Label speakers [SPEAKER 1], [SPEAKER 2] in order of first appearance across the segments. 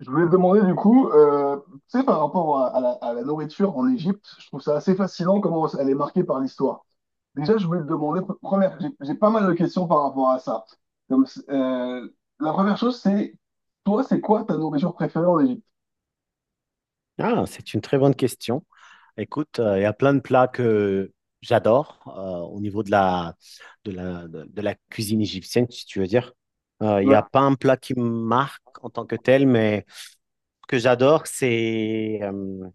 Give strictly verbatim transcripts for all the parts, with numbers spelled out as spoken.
[SPEAKER 1] Je voulais te demander du coup, euh, tu sais, par rapport à, à la, à la nourriture en Égypte, je trouve ça assez fascinant comment elle est marquée par l'histoire. Déjà, je voulais te demander, pre- première, j'ai j'ai pas mal de questions par rapport à ça. Comme, c- euh, la première chose, c'est, toi, c'est quoi ta nourriture préférée en Égypte?
[SPEAKER 2] Ah, c'est une très bonne question. Écoute, euh, il y a plein de plats que j'adore euh, au niveau de la, de la, de, de la cuisine égyptienne, si tu veux dire. Euh, il n'y
[SPEAKER 1] Ouais,
[SPEAKER 2] a pas un plat qui me marque en tant que tel, mais ce que j'adore, c'est euh,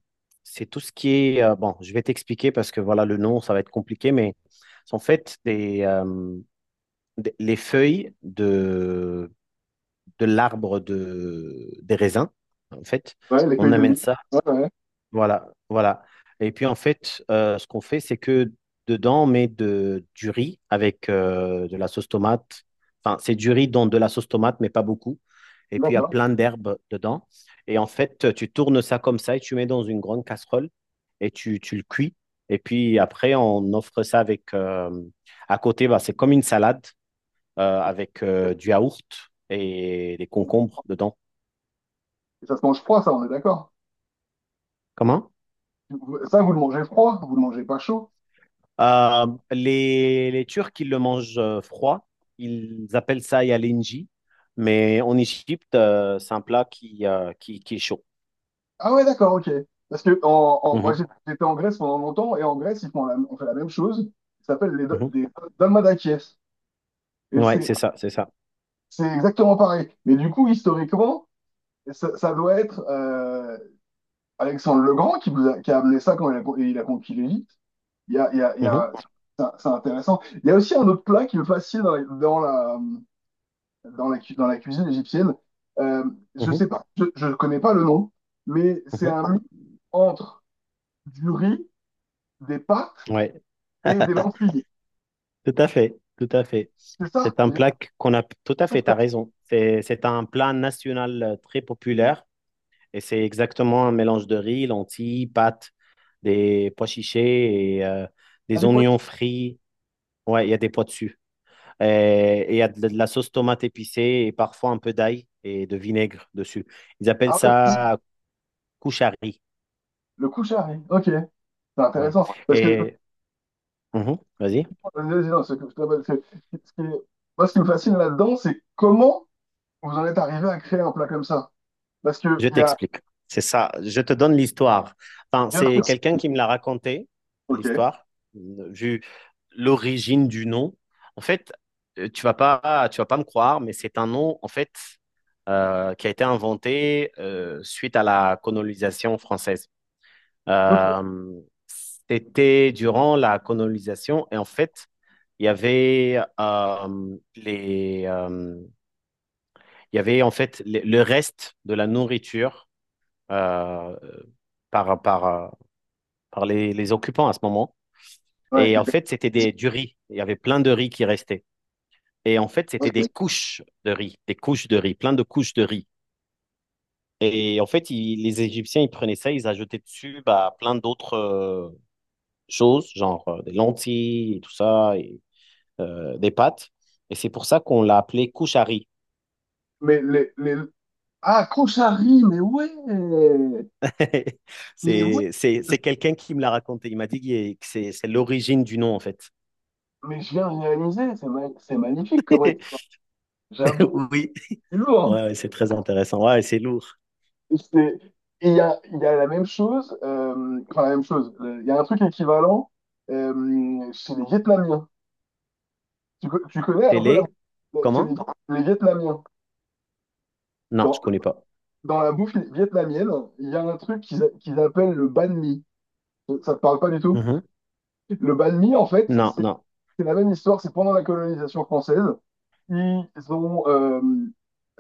[SPEAKER 2] c'est tout ce qui est... euh, bon, je vais t'expliquer parce que voilà, le nom, ça va être compliqué, mais c'est en fait des, euh, des- les feuilles de, de l'arbre de, des raisins, en fait.
[SPEAKER 1] ouais, les
[SPEAKER 2] On
[SPEAKER 1] feuilles de
[SPEAKER 2] amène
[SPEAKER 1] vie.
[SPEAKER 2] ça.
[SPEAKER 1] Ouais, ouais,
[SPEAKER 2] Voilà, voilà. Et puis en fait, euh, ce qu'on fait, c'est que dedans, on met de, du riz avec euh, de la sauce tomate. Enfin, c'est du riz dans de la sauce tomate, mais pas beaucoup. Et puis il y a
[SPEAKER 1] d'accord.
[SPEAKER 2] plein d'herbes dedans. Et en fait, tu tournes ça comme ça et tu mets dans une grande casserole et tu, tu le cuis. Et puis après, on offre ça avec. euh, à côté, bah, c'est comme une salade euh, avec euh, du yaourt et des concombres dedans.
[SPEAKER 1] Et ça se mange froid, ça, on est d'accord.
[SPEAKER 2] Comment?
[SPEAKER 1] Ça, vous le mangez froid, vous le mangez pas chaud.
[SPEAKER 2] Euh, les, les Turcs, ils le mangent euh, froid. Ils appellent ça yalenji. Mais en Égypte, euh, c'est un plat qui, euh, qui, qui est chaud.
[SPEAKER 1] Ah ouais, d'accord, ok. Parce que en, en- moi,
[SPEAKER 2] Mhm,
[SPEAKER 1] j'ai- j'étais en Grèce pendant longtemps, et en Grèce, ils font la, on fait la même chose. Ça s'appelle les do-
[SPEAKER 2] mhm.
[SPEAKER 1] des dalmadakiès. Et
[SPEAKER 2] Ouais,
[SPEAKER 1] c'est
[SPEAKER 2] c'est ça, c'est ça.
[SPEAKER 1] c'est exactement pareil. Mais du coup, historiquement, ça, ça doit être euh, Alexandre le Grand qui, nous a, qui a amené ça quand il a, con- il a conquis l'Égypte. Il y a, il y a, il y
[SPEAKER 2] Mhm,
[SPEAKER 1] a, c'est c'est intéressant. Il y a aussi un autre plat qui me fascine dans, dans la, dans la, cu- dans la cuisine égyptienne. Euh, je
[SPEAKER 2] mhm,
[SPEAKER 1] sais pas, je, je connais pas le nom, mais c'est
[SPEAKER 2] mhm.
[SPEAKER 1] un mix entre du riz, des pâtes
[SPEAKER 2] Ouais,
[SPEAKER 1] et des lentilles.
[SPEAKER 2] tout à fait, tout à fait.
[SPEAKER 1] C'est ça?
[SPEAKER 2] C'est un
[SPEAKER 1] Il y a
[SPEAKER 2] plat qu'on a... Tout à
[SPEAKER 1] un truc
[SPEAKER 2] fait, t'as
[SPEAKER 1] comme ça.
[SPEAKER 2] raison. C'est, c'est un plat national euh, très populaire. Et c'est exactement un mélange de riz, lentilles, pâtes, des pois chichés et euh,
[SPEAKER 1] Ah,
[SPEAKER 2] des
[SPEAKER 1] des
[SPEAKER 2] oignons
[SPEAKER 1] poissons.
[SPEAKER 2] frits. Ouais, il y a des pois dessus. Euh, et il y a de, de la sauce tomate épicée et parfois un peu d'ail et de vinaigre dessus. Ils appellent
[SPEAKER 1] Ah ouais, si.
[SPEAKER 2] ça kouchari.
[SPEAKER 1] Le couchari. Ok. C'est
[SPEAKER 2] Ouais.
[SPEAKER 1] intéressant. Parce que,
[SPEAKER 2] Et mhm, vas-y,
[SPEAKER 1] vas-y, non, c'est- c'est- c'est- ce qui est- moi, ce qui me fascine là-dedans, c'est comment vous en êtes arrivé à créer un plat comme ça. Parce que,
[SPEAKER 2] je
[SPEAKER 1] il y a,
[SPEAKER 2] t'explique. C'est ça, je te donne l'histoire. Enfin,
[SPEAKER 1] bien
[SPEAKER 2] c'est
[SPEAKER 1] sûr.
[SPEAKER 2] quelqu'un qui me l'a raconté,
[SPEAKER 1] Ok.
[SPEAKER 2] l'histoire, vu l'origine du nom. En fait, euh, tu vas pas, tu vas pas me croire, mais c'est un nom, en fait, euh, qui a été inventé euh, suite à la colonisation française.
[SPEAKER 1] Ok.
[SPEAKER 2] Euh, c'était durant la colonisation et en fait, il y avait euh, les, euh, il y avait en fait le le reste de la nourriture euh, par, par, euh, par les, les occupants à ce moment.
[SPEAKER 1] Ouais,
[SPEAKER 2] Et
[SPEAKER 1] qui
[SPEAKER 2] en
[SPEAKER 1] était-
[SPEAKER 2] fait, c'était des, du riz. Il y avait plein de riz qui restait. Et en fait, c'était des
[SPEAKER 1] ok.
[SPEAKER 2] couches de riz, des couches de riz, plein de couches de riz. Et en fait, ils- les Égyptiens, ils prenaient ça, ils ajoutaient dessus bah, plein d'autres euh, choses, genre euh, des lentilles et tout ça, et euh, des pâtes. Et c'est pour ça qu'on l'a appelé Kouchari.
[SPEAKER 1] Mais les, les... Ah, Couchari, mais ouais! Mais ouais!
[SPEAKER 2] C'est, c'est, c'est quelqu'un qui me l'a raconté. Il m'a dit que c'est, c'est l'origine du nom, en fait.
[SPEAKER 1] Mais je viens de réaliser, c'est ma- c'est magnifique comment... J'avoue,
[SPEAKER 2] Oui,
[SPEAKER 1] c'est
[SPEAKER 2] ouais,
[SPEAKER 1] lourd.
[SPEAKER 2] ouais, c'est très intéressant. Ouais, c'est lourd.
[SPEAKER 1] c'est- Il y a, il y a la même chose, euh, enfin la même chose, le- il y a un truc équivalent euh, chez les Vietnamiens. Tu, co- tu connais un peu la
[SPEAKER 2] Télé,
[SPEAKER 1] Chez les,
[SPEAKER 2] comment?
[SPEAKER 1] les Vietnamiens.
[SPEAKER 2] Non, je
[SPEAKER 1] Dans,
[SPEAKER 2] connais pas.
[SPEAKER 1] dans la bouffe vietnamienne, il y a un truc qu'ils a- qu'ils appellent le banh mi. Ça ne te parle pas du tout?
[SPEAKER 2] Mhm.
[SPEAKER 1] Le banh mi, en fait,
[SPEAKER 2] Non,
[SPEAKER 1] c'est...
[SPEAKER 2] non.
[SPEAKER 1] C'est la même histoire, c'est pendant la colonisation française, ils ont, euh,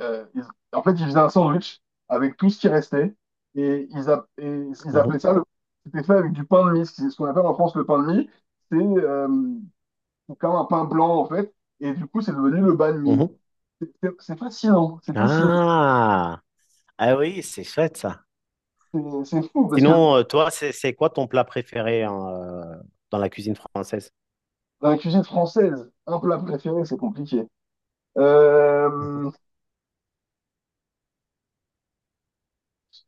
[SPEAKER 1] euh, ils- en fait, ils faisaient un sandwich avec tout ce qui restait et ils, a- et ils
[SPEAKER 2] Mhm,
[SPEAKER 1] appelaient ça le. C'était fait avec du pain de mie. C'est ce qu'on appelle en France le pain de mie. C'est euh, c'est comme un pain blanc en fait, et du coup, c'est devenu le banh
[SPEAKER 2] mhm.
[SPEAKER 1] mi. C'est c'est- c'est fascinant, c'est fascinant,
[SPEAKER 2] Ah, ah oui, c'est chouette ça.
[SPEAKER 1] c'est c'est fou parce que
[SPEAKER 2] Sinon, euh, toi, c'est c'est quoi ton plat préféré hein, euh, dans la cuisine française?
[SPEAKER 1] dans la cuisine française, un plat préféré, c'est compliqué. Euh,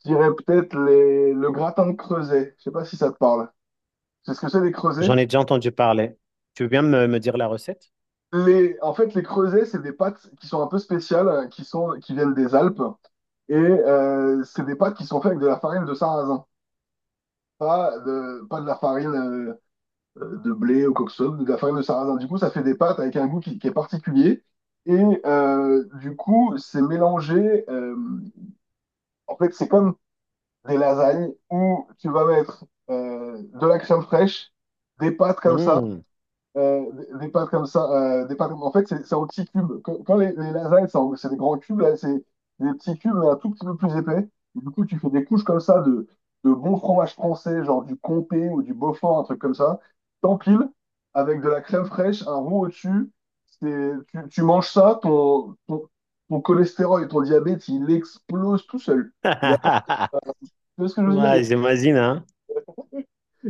[SPEAKER 1] je dirais peut-être les- le gratin de Creuset. Je sais pas si ça te parle. C'est ce que c'est les creusets.
[SPEAKER 2] J'en ai déjà entendu parler. Tu veux bien me, me dire la recette?
[SPEAKER 1] Les, en fait, Les creusets, c'est des pâtes qui sont un peu spéciales, euh, qui sont, qui viennent des Alpes, et euh, c'est des pâtes qui sont faites avec de la farine de sarrasin, pas de, pas de la farine euh, euh, de blé ou quoi que ce soit, mais de la farine de sarrasin. Du coup, ça fait des pâtes avec un goût qui, qui est particulier, et euh, du coup, c'est mélangé. Euh, en fait, c'est comme des lasagnes où tu vas mettre euh, de la crème fraîche, des pâtes comme ça,
[SPEAKER 2] Hmm.
[SPEAKER 1] euh, des, des pâtes comme ça, euh, des pâtes comme- En fait, c'est c'est en petits cubes. Quand, quand les, les lasagnes, c'est en- c'est des grands cubes, là, c'est des petits cubes, mais un tout petit peu plus épais. Et du coup, tu fais des couches comme ça de, de bon fromage français, genre du comté ou du Beaufort, un truc comme ça. T'empiles avec de la crème fraîche, un roux au-dessus. C'est- Tu, tu manges ça, ton, ton, ton cholestérol et ton diabète, il explose tout seul. Il y a, tu vois ce que je veux dire? Il y
[SPEAKER 2] Ouais,
[SPEAKER 1] a-
[SPEAKER 2] j'imagine, hein?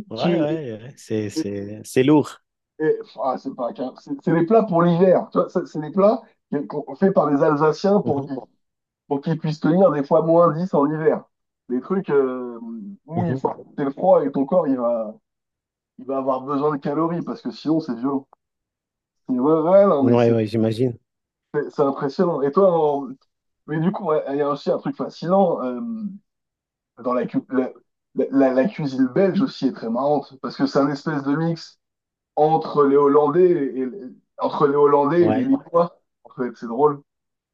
[SPEAKER 2] Ouais, ouais, ouais. C'est, c'est, c'est lourd.
[SPEAKER 1] Et, ah, c'est pas qu'un- c'est c'est des plats pour l'hiver. Tu vois, ça, c'est des plats qui- qu'on fait par les Alsaciens pour,
[SPEAKER 2] Mhm,
[SPEAKER 1] qu'ils- pour qu'ils puissent tenir des fois moins dix en hiver. Des trucs euh, où il
[SPEAKER 2] mhm.
[SPEAKER 1] faut accepter le froid et ton corps il va, il va avoir besoin de calories parce que sinon c'est violent. Et ouais, ouais, non, mais
[SPEAKER 2] Ouais,
[SPEAKER 1] c'est
[SPEAKER 2] ouais, j'imagine.
[SPEAKER 1] c'est- c'est impressionnant. Et toi, en- mais du coup, ouais, il y a aussi un truc fascinant euh, dans la, cu- la, la, la- la cuisine belge aussi est très marrante parce que c'est un espèce de mix entre les Hollandais et entre les Hollandais et les
[SPEAKER 2] Ouais.
[SPEAKER 1] Lillois. En fait, c'est drôle.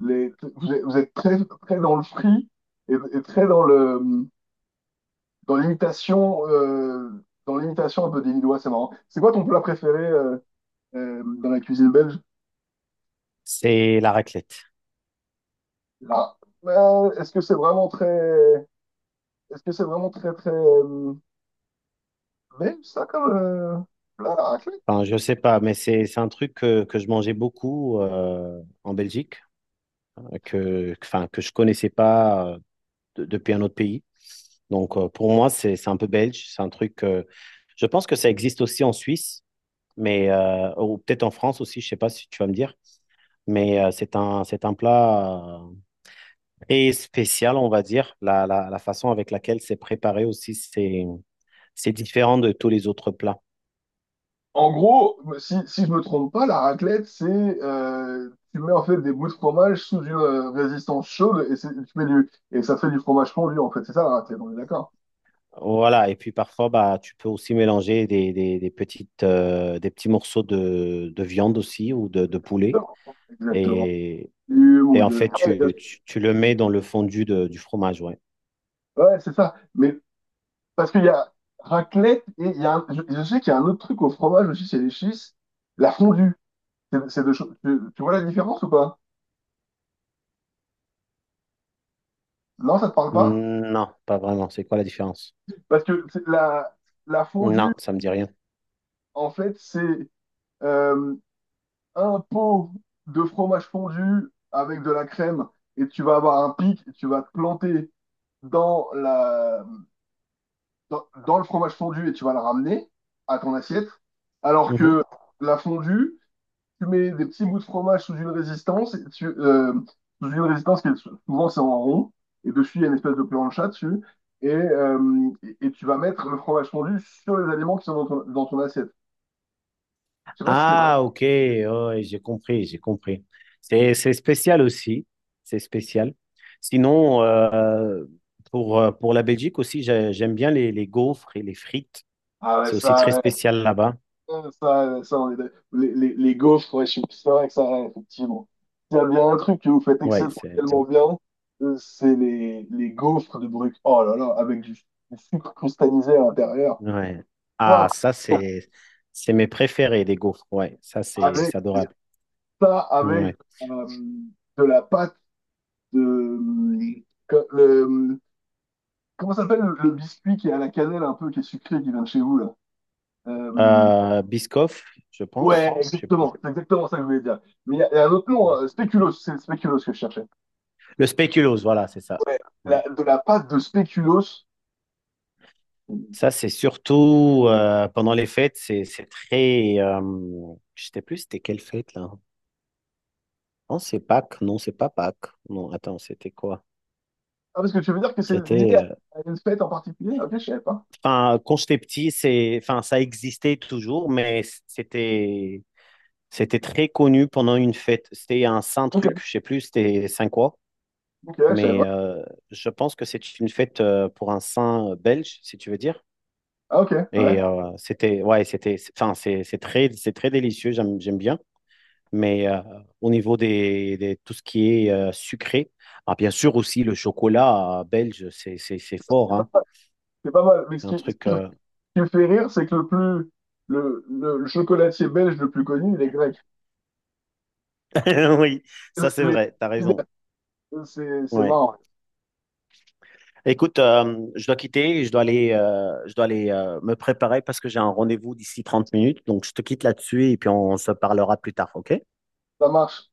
[SPEAKER 1] Les, vous êtes, vous êtes très, très dans le free et, et très dans le dans l'imitation euh, dans l'imitation un peu des Lillois, c'est marrant. C'est quoi ton plat préféré euh, euh, dans la cuisine belge?
[SPEAKER 2] C'est la raclette.
[SPEAKER 1] Là, euh, est-ce que c'est vraiment très est-ce que c'est vraiment très très euh, belge ça comme euh, plat?
[SPEAKER 2] Enfin, je sais pas, mais c'est, c'est un truc que, que je mangeais beaucoup euh, en Belgique. Que, enfin, que je connaissais pas euh, de- depuis un autre pays. Donc, euh, pour moi, c'est, c'est un peu belge. C'est un truc. euh, je pense que ça existe aussi en Suisse, mais euh, ou peut-être en France aussi. Je sais pas si tu vas me dire. Mais euh, c'est un, c'est un plat euh, très spécial, on va dire. La, la, la façon avec laquelle c'est préparé aussi, c'est, c'est différent de tous les autres plats.
[SPEAKER 1] En gros, si, si je me trompe pas, la raclette, c'est euh, tu mets en fait des bouts de fromage sous une euh, résistance chaude et, c'est- tu mets du, et ça fait du fromage fondu en fait. C'est ça la raclette, on est d'accord?
[SPEAKER 2] Voilà, et puis parfois, bah, tu peux aussi mélanger des, des, des petites, euh, des petits morceaux de, de viande aussi ou de, de poulet.
[SPEAKER 1] Exactement.
[SPEAKER 2] Et,
[SPEAKER 1] Du-
[SPEAKER 2] et
[SPEAKER 1] ou
[SPEAKER 2] en
[SPEAKER 1] de-
[SPEAKER 2] fait, tu, tu, tu le mets dans le fondu de- du fromage, ouais.
[SPEAKER 1] Ouais, c'est ça. Mais parce qu'il y a raclette et il y a un- je, je sais qu'il y a un autre truc au fromage aussi chez les schistes, la fondue. C'est c'est deux choses. Tu, tu vois la différence ou pas? Non, ça te parle pas?
[SPEAKER 2] Non, pas vraiment. C'est quoi la différence?
[SPEAKER 1] Parce que c'est la, la fondue,
[SPEAKER 2] Non, ça me dit rien.
[SPEAKER 1] en fait, c'est euh, un pot de fromage fondu avec de la crème et tu vas avoir un pic et tu vas te planter dans la, dans, dans le fromage fondu et tu vas le ramener à ton assiette. Alors que la fondue, tu mets des petits bouts de fromage sous une résistance, et tu, euh, sous une résistance qui est sou- souvent c'est en rond et dessus il y a une espèce de plancha dessus. Et, euh, et, et tu vas mettre le fromage fondu sur les aliments qui sont dans ton, dans ton assiette. Je sais pas si c'est...
[SPEAKER 2] Ah, ok, ouais, j'ai compris, j'ai compris. C'est, c'est spécial aussi, c'est spécial. Sinon, euh, pour, euh, pour la Belgique aussi, j'ai- j'aime bien les, les gaufres et les frites.
[SPEAKER 1] Ah ouais,
[SPEAKER 2] C'est aussi très
[SPEAKER 1] ça,
[SPEAKER 2] spécial là-bas.
[SPEAKER 1] Euh, Ça, ça, on est d'ac- les, les, les gaufres, ouais, je suis c'est vrai que ça, ouais, effectivement. S'il y a bien un truc que vous faites
[SPEAKER 2] Ouais, c'est,
[SPEAKER 1] exceptionnellement bien, euh, c'est les, les gaufres de Bruck. Oh là là, avec du, du sucre cristallisé à l'intérieur.
[SPEAKER 2] ouais. Ah,
[SPEAKER 1] Hop,
[SPEAKER 2] ça, c'est, c'est mes préférés, les gaufres. Ouais, ça, c'est,
[SPEAKER 1] avec
[SPEAKER 2] c'est adorable.
[SPEAKER 1] ça, avec
[SPEAKER 2] Ouais.
[SPEAKER 1] euh, de la pâte de. Que- le, comment ça s'appelle le, le biscuit qui est à la cannelle un peu, qui est sucré, qui vient de chez vous là? Euh,
[SPEAKER 2] Euh, Biscoff, je
[SPEAKER 1] ouais,
[SPEAKER 2] pense, je sais plus.
[SPEAKER 1] exactement, c'est exactement ça que je voulais dire. Mais il y, a il y a un autre nom,
[SPEAKER 2] Ouais.
[SPEAKER 1] hein, spéculoos, c'est le spéculoos que je cherchais.
[SPEAKER 2] Le spéculoos, voilà, c'est ça.
[SPEAKER 1] La-
[SPEAKER 2] Ouais.
[SPEAKER 1] de la pâte de spéculoos.
[SPEAKER 2] Ça, c'est surtout euh, pendant les fêtes, c'est c'est très. euh, je sais plus c'était quelle fête là. Non, c'est Pâques. Non, c'est pas Pâques. Non, attends, c'était quoi?
[SPEAKER 1] Ah, parce que tu veux dire que c'est lié
[SPEAKER 2] C'était.
[SPEAKER 1] à
[SPEAKER 2] euh,
[SPEAKER 1] à une fête en particulier? Ok, je savais pas.
[SPEAKER 2] Enfin, quand j'étais petit, c'est. Enfin, ça existait toujours, mais c'était. C'était très connu pendant une fête. C'était un saint
[SPEAKER 1] Ok,
[SPEAKER 2] truc, je sais plus, c'était saint quoi.
[SPEAKER 1] ok, je savais
[SPEAKER 2] Mais
[SPEAKER 1] pas.
[SPEAKER 2] euh, je pense que c'est une fête euh, pour un saint euh, belge, si tu veux dire.
[SPEAKER 1] Ah, ok,
[SPEAKER 2] Et
[SPEAKER 1] ouais,
[SPEAKER 2] euh, c'était, ouais, c'était, enfin, c'est c'est très, c'est très délicieux. J'aime, j'aime bien. Mais euh, au niveau des, des- tout ce qui est euh, sucré, ah, bien sûr aussi le chocolat euh, belge, c'est, c'est, c'est fort, hein.
[SPEAKER 1] c'est pas mal. Mais ce
[SPEAKER 2] C'est un
[SPEAKER 1] qui, ce
[SPEAKER 2] truc.
[SPEAKER 1] qui- ce
[SPEAKER 2] euh,
[SPEAKER 1] qui me fait rire, c'est que le plus, le, le, le chocolatier belge le plus connu, il est grec.
[SPEAKER 2] Oui, ça c'est
[SPEAKER 1] Les-
[SPEAKER 2] vrai, t'as raison.
[SPEAKER 1] C'est, c'est
[SPEAKER 2] Ouais.
[SPEAKER 1] marrant,
[SPEAKER 2] Écoute, euh, je dois quitter, je dois aller, euh, je dois aller euh, me préparer parce que j'ai un rendez-vous d'ici trente minutes. Donc je te quitte là-dessus et puis on se parlera plus tard, ok?
[SPEAKER 1] ça marche.